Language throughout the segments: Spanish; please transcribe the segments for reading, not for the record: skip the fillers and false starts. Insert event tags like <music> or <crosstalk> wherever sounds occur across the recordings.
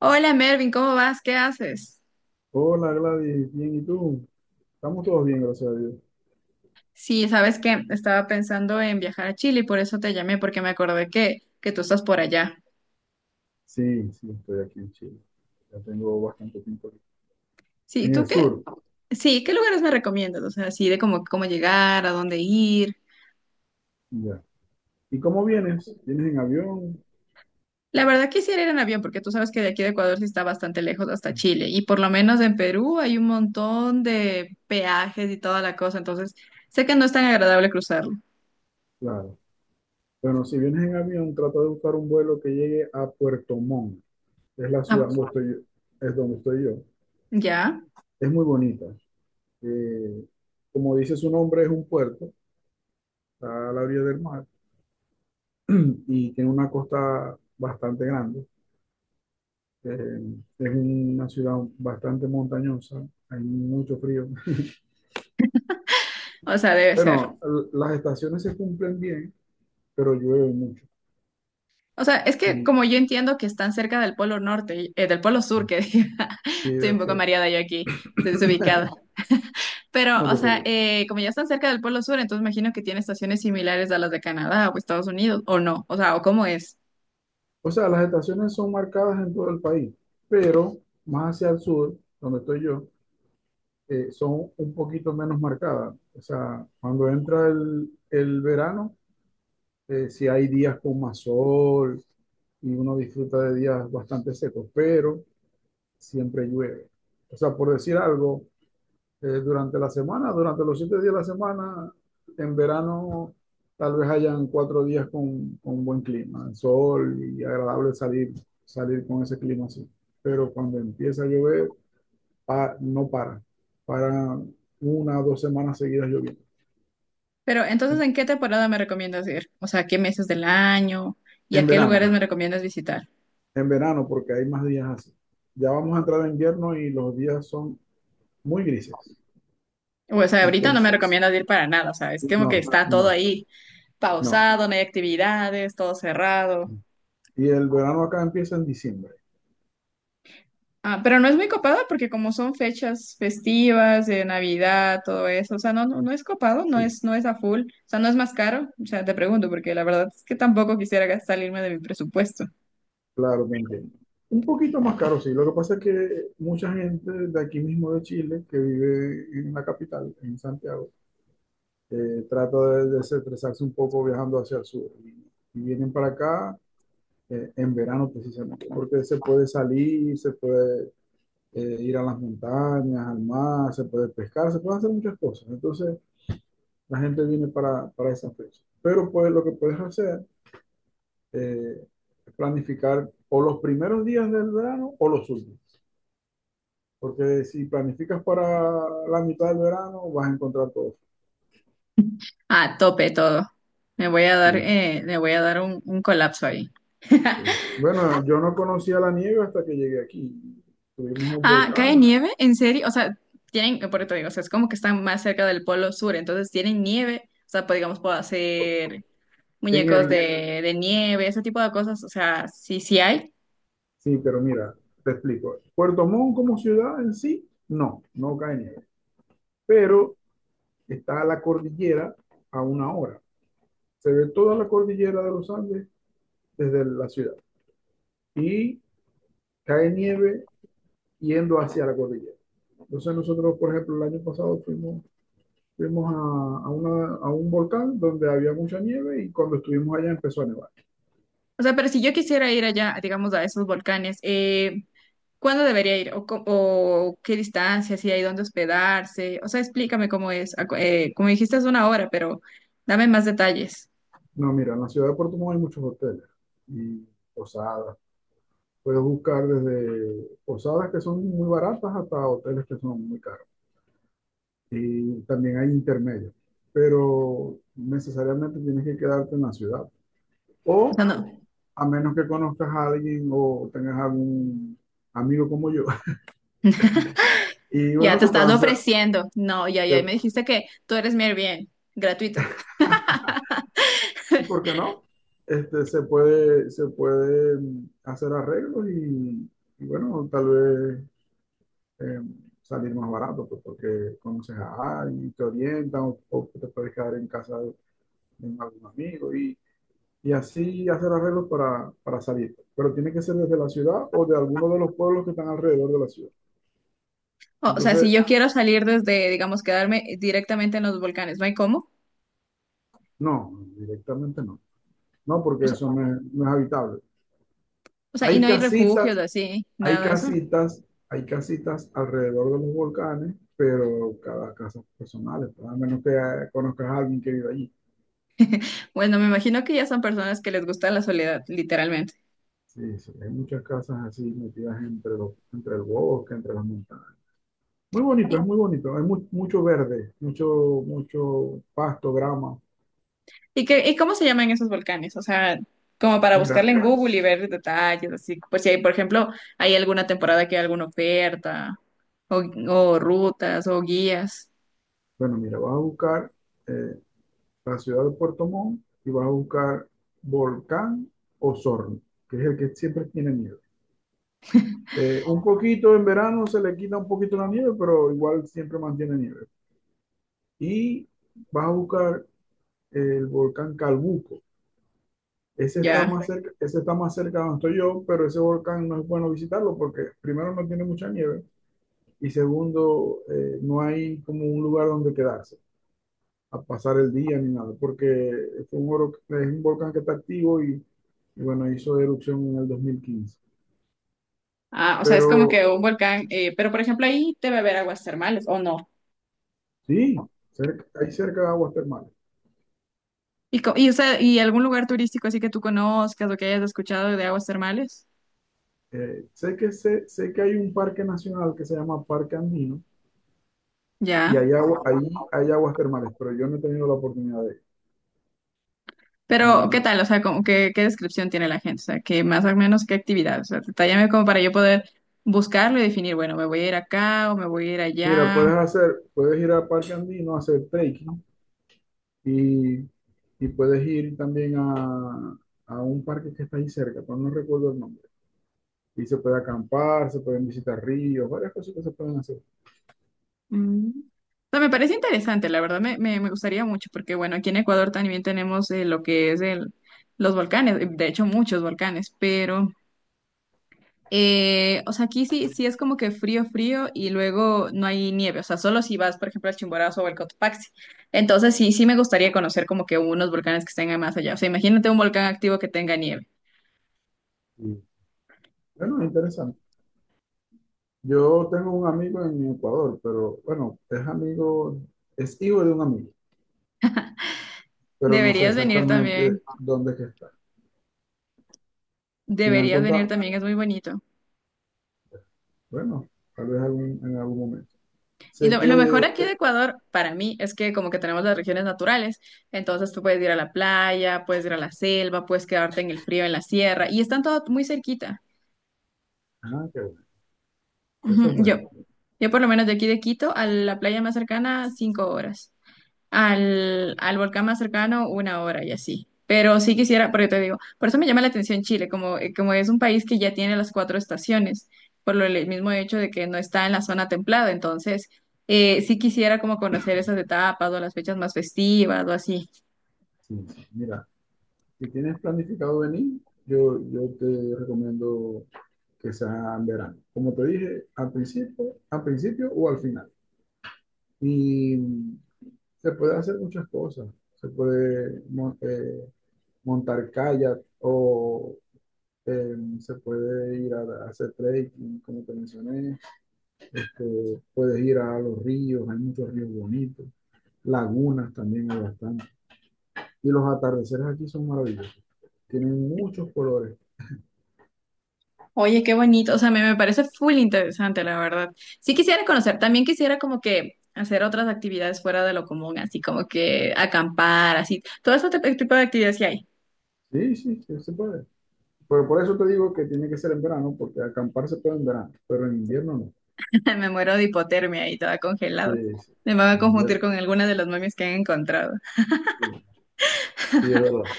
Hola Mervin, ¿cómo vas? ¿Qué haces? Hola Gladys, bien, ¿y tú? Estamos todos bien, gracias a Dios. Sí, sabes que estaba pensando en viajar a Chile y por eso te llamé, porque me acordé que tú estás por allá. Sí, estoy aquí en Chile. Ya tengo bastante tiempo aquí. Sí, En ¿tú el qué? sur, Sí, ¿qué lugares me recomiendas? O sea, así de cómo llegar, a dónde ir. ya. ¿Y cómo vienes? ¿Vienes en avión? La verdad quisiera ir en avión, porque tú sabes que de aquí de Ecuador sí está bastante lejos hasta Chile. Y por lo menos en Perú hay un montón de peajes y toda la cosa, entonces sé que no es tan agradable cruzarlo. Claro. Bueno, si vienes en avión, trata de buscar un vuelo que llegue a Puerto Montt. Es la Ah, ciudad donde estoy yo, es donde estoy yo. ¿ya? Es muy bonita. Eh, Como dice su nombre, es un puerto, está a la orilla del mar <clears throat> y tiene una costa bastante grande. Eh, es una ciudad bastante montañosa, hay mucho frío. <laughs> O sea, debe ser. Bueno, las estaciones se cumplen bien, pero llueve mucho. O sea, es que Y como yo entiendo que están cerca del Polo Norte, del Polo Sur, que diga, sí, <laughs> estoy un poco eso, mareada yo aquí, estoy desubicada. Pero, no o te sea, preocupes. Como ya están cerca del Polo Sur, entonces imagino que tiene estaciones similares a las de Canadá o Estados Unidos, o no, o sea, o cómo es. O sea, las estaciones son marcadas en todo el país, pero más hacia el sur, donde estoy yo, son un poquito menos marcadas. O sea, cuando entra el verano, sí hay días con más sol y uno disfruta de días bastante secos, pero siempre llueve. O sea, por decir algo, durante la semana, durante los siete días de la semana, en verano tal vez hayan cuatro días con buen clima, sol y agradable salir, salir con ese clima así. Pero cuando empieza a llover, no para, para una o dos semanas seguidas lloviendo. Pero entonces, ¿en En, qué temporada me recomiendas ir? O sea, ¿qué meses del año y a en qué lugares verano, me recomiendas visitar? en verano porque hay más días así. Ya vamos a entrar en invierno y los días son muy grises. O sea, ahorita no me Entonces, recomiendas ir para nada, o sea, es como que no, está todo no, ahí no. pausado, no hay actividades, todo cerrado. Y el verano acá empieza en diciembre. Ah, pero no es muy copado porque como son fechas festivas de Navidad, todo eso, o sea, no, no, no es copado, Sí, no es a full, o sea, no es más caro, o sea, te pregunto porque la verdad es que tampoco quisiera gastar- salirme de mi presupuesto. claro, te entiendo. Un poquito más caro, sí. Lo que pasa es que mucha gente de aquí mismo de Chile, que vive en la capital, en Santiago, trata de desestresarse un poco viajando hacia el sur. Y vienen para acá, en verano precisamente, porque se puede salir, se puede, ir a las montañas, al mar, se puede pescar, se pueden hacer muchas cosas. Entonces, la gente viene para esa fecha. Pero pues lo que puedes hacer, eh, es planificar o los primeros días del verano o los últimos. Porque si planificas para la mitad del verano, vas a encontrar todo. Ah, tope todo. Me voy a dar, Sí, me voy a dar un colapso ahí. sí. Bueno, yo no conocía la nieve hasta que llegué aquí. Tuvimos un Ah, ¿cae volcán nieve? ¿En serio? O sea, tienen, por eso te digo, o sea, es como que están más cerca del polo sur, entonces tienen nieve, o sea, pues, digamos, puedo hacer en muñecos el... de nieve, ese tipo de cosas, o sea, sí, sí hay. Sí, pero mira, te explico. Puerto Montt como ciudad en sí, no cae nieve. Pero está la cordillera a una hora. Se ve toda la cordillera de los Andes desde la ciudad. Y cae nieve yendo hacia la cordillera. Entonces nosotros, por ejemplo, el año pasado fuimos Fuimos a una- a un volcán donde había mucha nieve y cuando estuvimos allá empezó a nevar. O sea, pero si yo quisiera ir allá, digamos, a esos volcanes, ¿cuándo debería ir? ¿O, co- o qué distancia? ¿Si hay dónde hospedarse? O sea, explícame cómo es. Acu- como dijiste, es una hora, pero dame más detalles. No, mira, en la ciudad de Puerto Montt hay muchos hoteles y posadas. Puedes buscar desde posadas que son muy baratas hasta hoteles que son muy caros. Y también hay intermedios, pero necesariamente tienes que quedarte en la ciudad. O O sea, no, a menos que conozcas a alguien o tengas algún amigo como yo. <laughs> Y ya bueno, te se estás pueden hacer, ofreciendo. No, ya, ya, me se dijiste que tú eres mi Airbnb, gratuito. ¿por qué no? Se puede hacer arreglos y bueno, tal vez, eh, salir más barato, pues, porque conoces a alguien, te orientan o te puedes quedar en casa de algún amigo y así hacer arreglos para salir. Pero tiene que ser desde la ciudad o de alguno de los pueblos que están alrededor de la ciudad. O sea, si Entonces, yo quiero salir desde, digamos, quedarme directamente en los volcanes, ¿no hay cómo? no, directamente no. No, O porque sea, eso no es, no es habitable. o sea, y Hay no hay refugios casitas así, Hay nada de eso. casitas, Hay casitas alrededor de los volcanes, pero cada casa es personal, pues, a menos que conozcas a alguien que vive allí. Bueno, me imagino que ya son personas que les gusta la soledad, literalmente. Sí, sí, hay muchas casas así metidas entre los, entre el bosque, entre las montañas. Muy bonito, es muy bonito. Hay mucho verde, mucho, mucho pasto, grama. ¿Y qué, y cómo se llaman esos volcanes? O sea, como para Mira, buscarle en Google y ver detalles, así, pues si hay, por ejemplo, hay alguna temporada que hay alguna oferta, o, o rutas, o guías, bueno, mira, vas a buscar, eh, la ciudad de Puerto Montt y vas a buscar Volcán Osorno, que es el que siempre tiene nieve. Un poquito en verano se le quita un poquito la nieve, pero igual siempre mantiene nieve. Y vas a buscar el volcán Calbuco. Ese está ya. más cerca, ese está más cerca de donde estoy yo, pero ese volcán no es bueno visitarlo porque primero no tiene mucha nieve y segundo, no hay como un lugar donde quedarse a pasar el día ni nada, porque es un, es un volcán que está activo y bueno, hizo erupción en el 2015. Ah, o sea, es como Pero que un volcán, pero por ejemplo ahí debe haber aguas termales, ¿o no? sí, hay cerca de aguas termales. Y, co- y, o sea, ¿y algún lugar turístico así que tú conozcas o que hayas escuchado de aguas termales? Sé que hay un parque nacional que se llama Parque Andino y Ya. hay agua, ahí hay aguas termales, pero yo no he tenido la oportunidad de ir. Pero, ¿qué No. tal? O sea, como que ¿qué descripción tiene la gente? O sea, que más o menos qué actividad. O sea, detállame como para yo poder buscarlo y definir, bueno, me voy a ir acá o me voy a ir Mira, allá. puedes hacer, puedes ir al Parque Andino a hacer trekking y, y puedes ir también a un parque que está ahí cerca, pero no recuerdo el nombre. Y se puede acampar, se pueden visitar ríos, varias cosas que se pueden hacer. Mm. O sea, me parece interesante, la verdad, me gustaría mucho, porque bueno, aquí en Ecuador también tenemos lo que es los volcanes, de hecho muchos volcanes, pero O sea, aquí sí, sí es como que frío, frío y luego no hay nieve, o sea, solo si vas, por ejemplo, al Chimborazo o al Cotopaxi. Entonces sí, sí me gustaría conocer como que unos volcanes que estén más allá. O sea, imagínate un volcán activo que tenga nieve. Y, bueno, es interesante. Yo tengo un amigo en Ecuador, pero bueno, es amigo, es hijo de un amigo pero no sé Deberías venir también, exactamente dónde es que está. Y me han deberías venir contado, también, es muy bonito. bueno, tal vez en algún momento. Y Sé lo que, mejor aquí de Ecuador, para mí, es que como que tenemos las regiones naturales, entonces tú puedes ir a la playa, puedes ir a la selva, puedes quedarte en el frío, en la sierra, y están todo muy cerquita. ah, qué bueno, eso Ujú. es Yo, bueno. yo por lo menos de aquí de Quito a la playa más cercana, 5 horas. Al volcán más cercano, 1 hora y así. Pero sí quisiera, porque te digo, por eso me llama la atención Chile, como, como es un país que ya tiene las cuatro estaciones, por lo, el mismo hecho de que no está en la zona templada. Entonces, sí quisiera como conocer esas etapas o las fechas más festivas o así. Sí, sí. Mira, si tienes planificado venir, yo te recomiendo que sea en verano. Como te dije, al principio o al final. Y se puede hacer muchas cosas. Se puede montar kayak o, se puede ir a hacer trekking, como te mencioné. Puedes ir a los ríos, hay muchos ríos bonitos, lagunas también hay bastante. Y los atardeceres aquí son maravillosos, tienen muchos colores. Oye, qué bonito, o sea, me parece full interesante, la verdad. Sí quisiera conocer, también quisiera como que hacer otras actividades fuera de lo común, así como que acampar, así, todo ese tip- tipo de actividades que hay. Sí, sí, sí se puede. Pero por eso te digo que tiene que ser en verano, porque acampar se puede en verano, pero en invierno no. <laughs> Me muero de hipotermia ahí toda congelada. Sí, sí, Me van a en confundir invierno, con alguna de las momias que han encontrado. sí, sí, es verdad.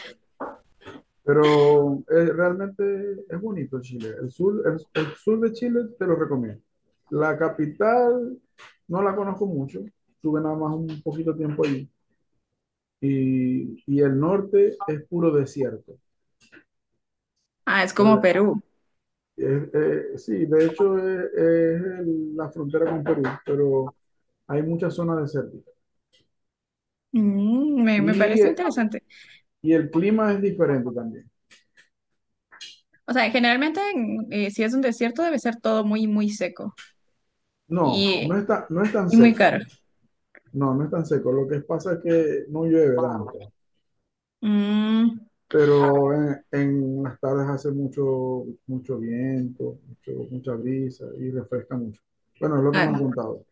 Pero realmente es bonito Chile. El sur, el sur de Chile te lo recomiendo. La capital no la conozco mucho, tuve nada más un poquito tiempo ahí y el norte es puro desierto. Ah, es como El- Perú. Sí, de hecho es, la frontera con Perú, pero hay muchas zonas desérticas. Mm, me Y, parece interesante. y el clima es diferente también. O sea, generalmente en- si es un desierto debe ser todo muy, muy seco y, No es tan y muy seco. caro. No, no es tan seco. Lo que pasa es que no llueve tanto, Mm, pero en las tardes hace mucho, mucho viento, mucha brisa y refresca mucho. Bueno, es lo que me han ah, contado.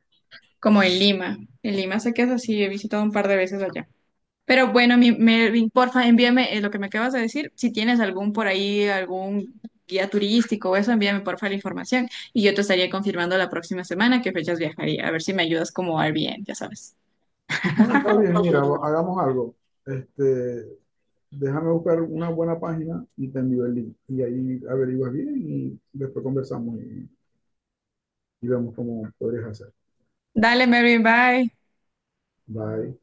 como en Lima. En Lima sé que es así, he visitado un par de veces allá. Pero bueno, mi, Melvin, porfa, envíame lo que me acabas de decir. Si tienes algún por ahí, algún guía turístico o eso, envíame porfa la información y yo te estaría confirmando la próxima semana qué fechas viajaría. A ver si me ayudas como Airbnb, ya sabes. No, está bien, mira, <laughs> hagamos algo. Este, Déjame buscar una buena página y te envío el link. Y ahí averiguas bien y después conversamos y vemos cómo podrías hacer. Dale, Melvin, bye. Bye.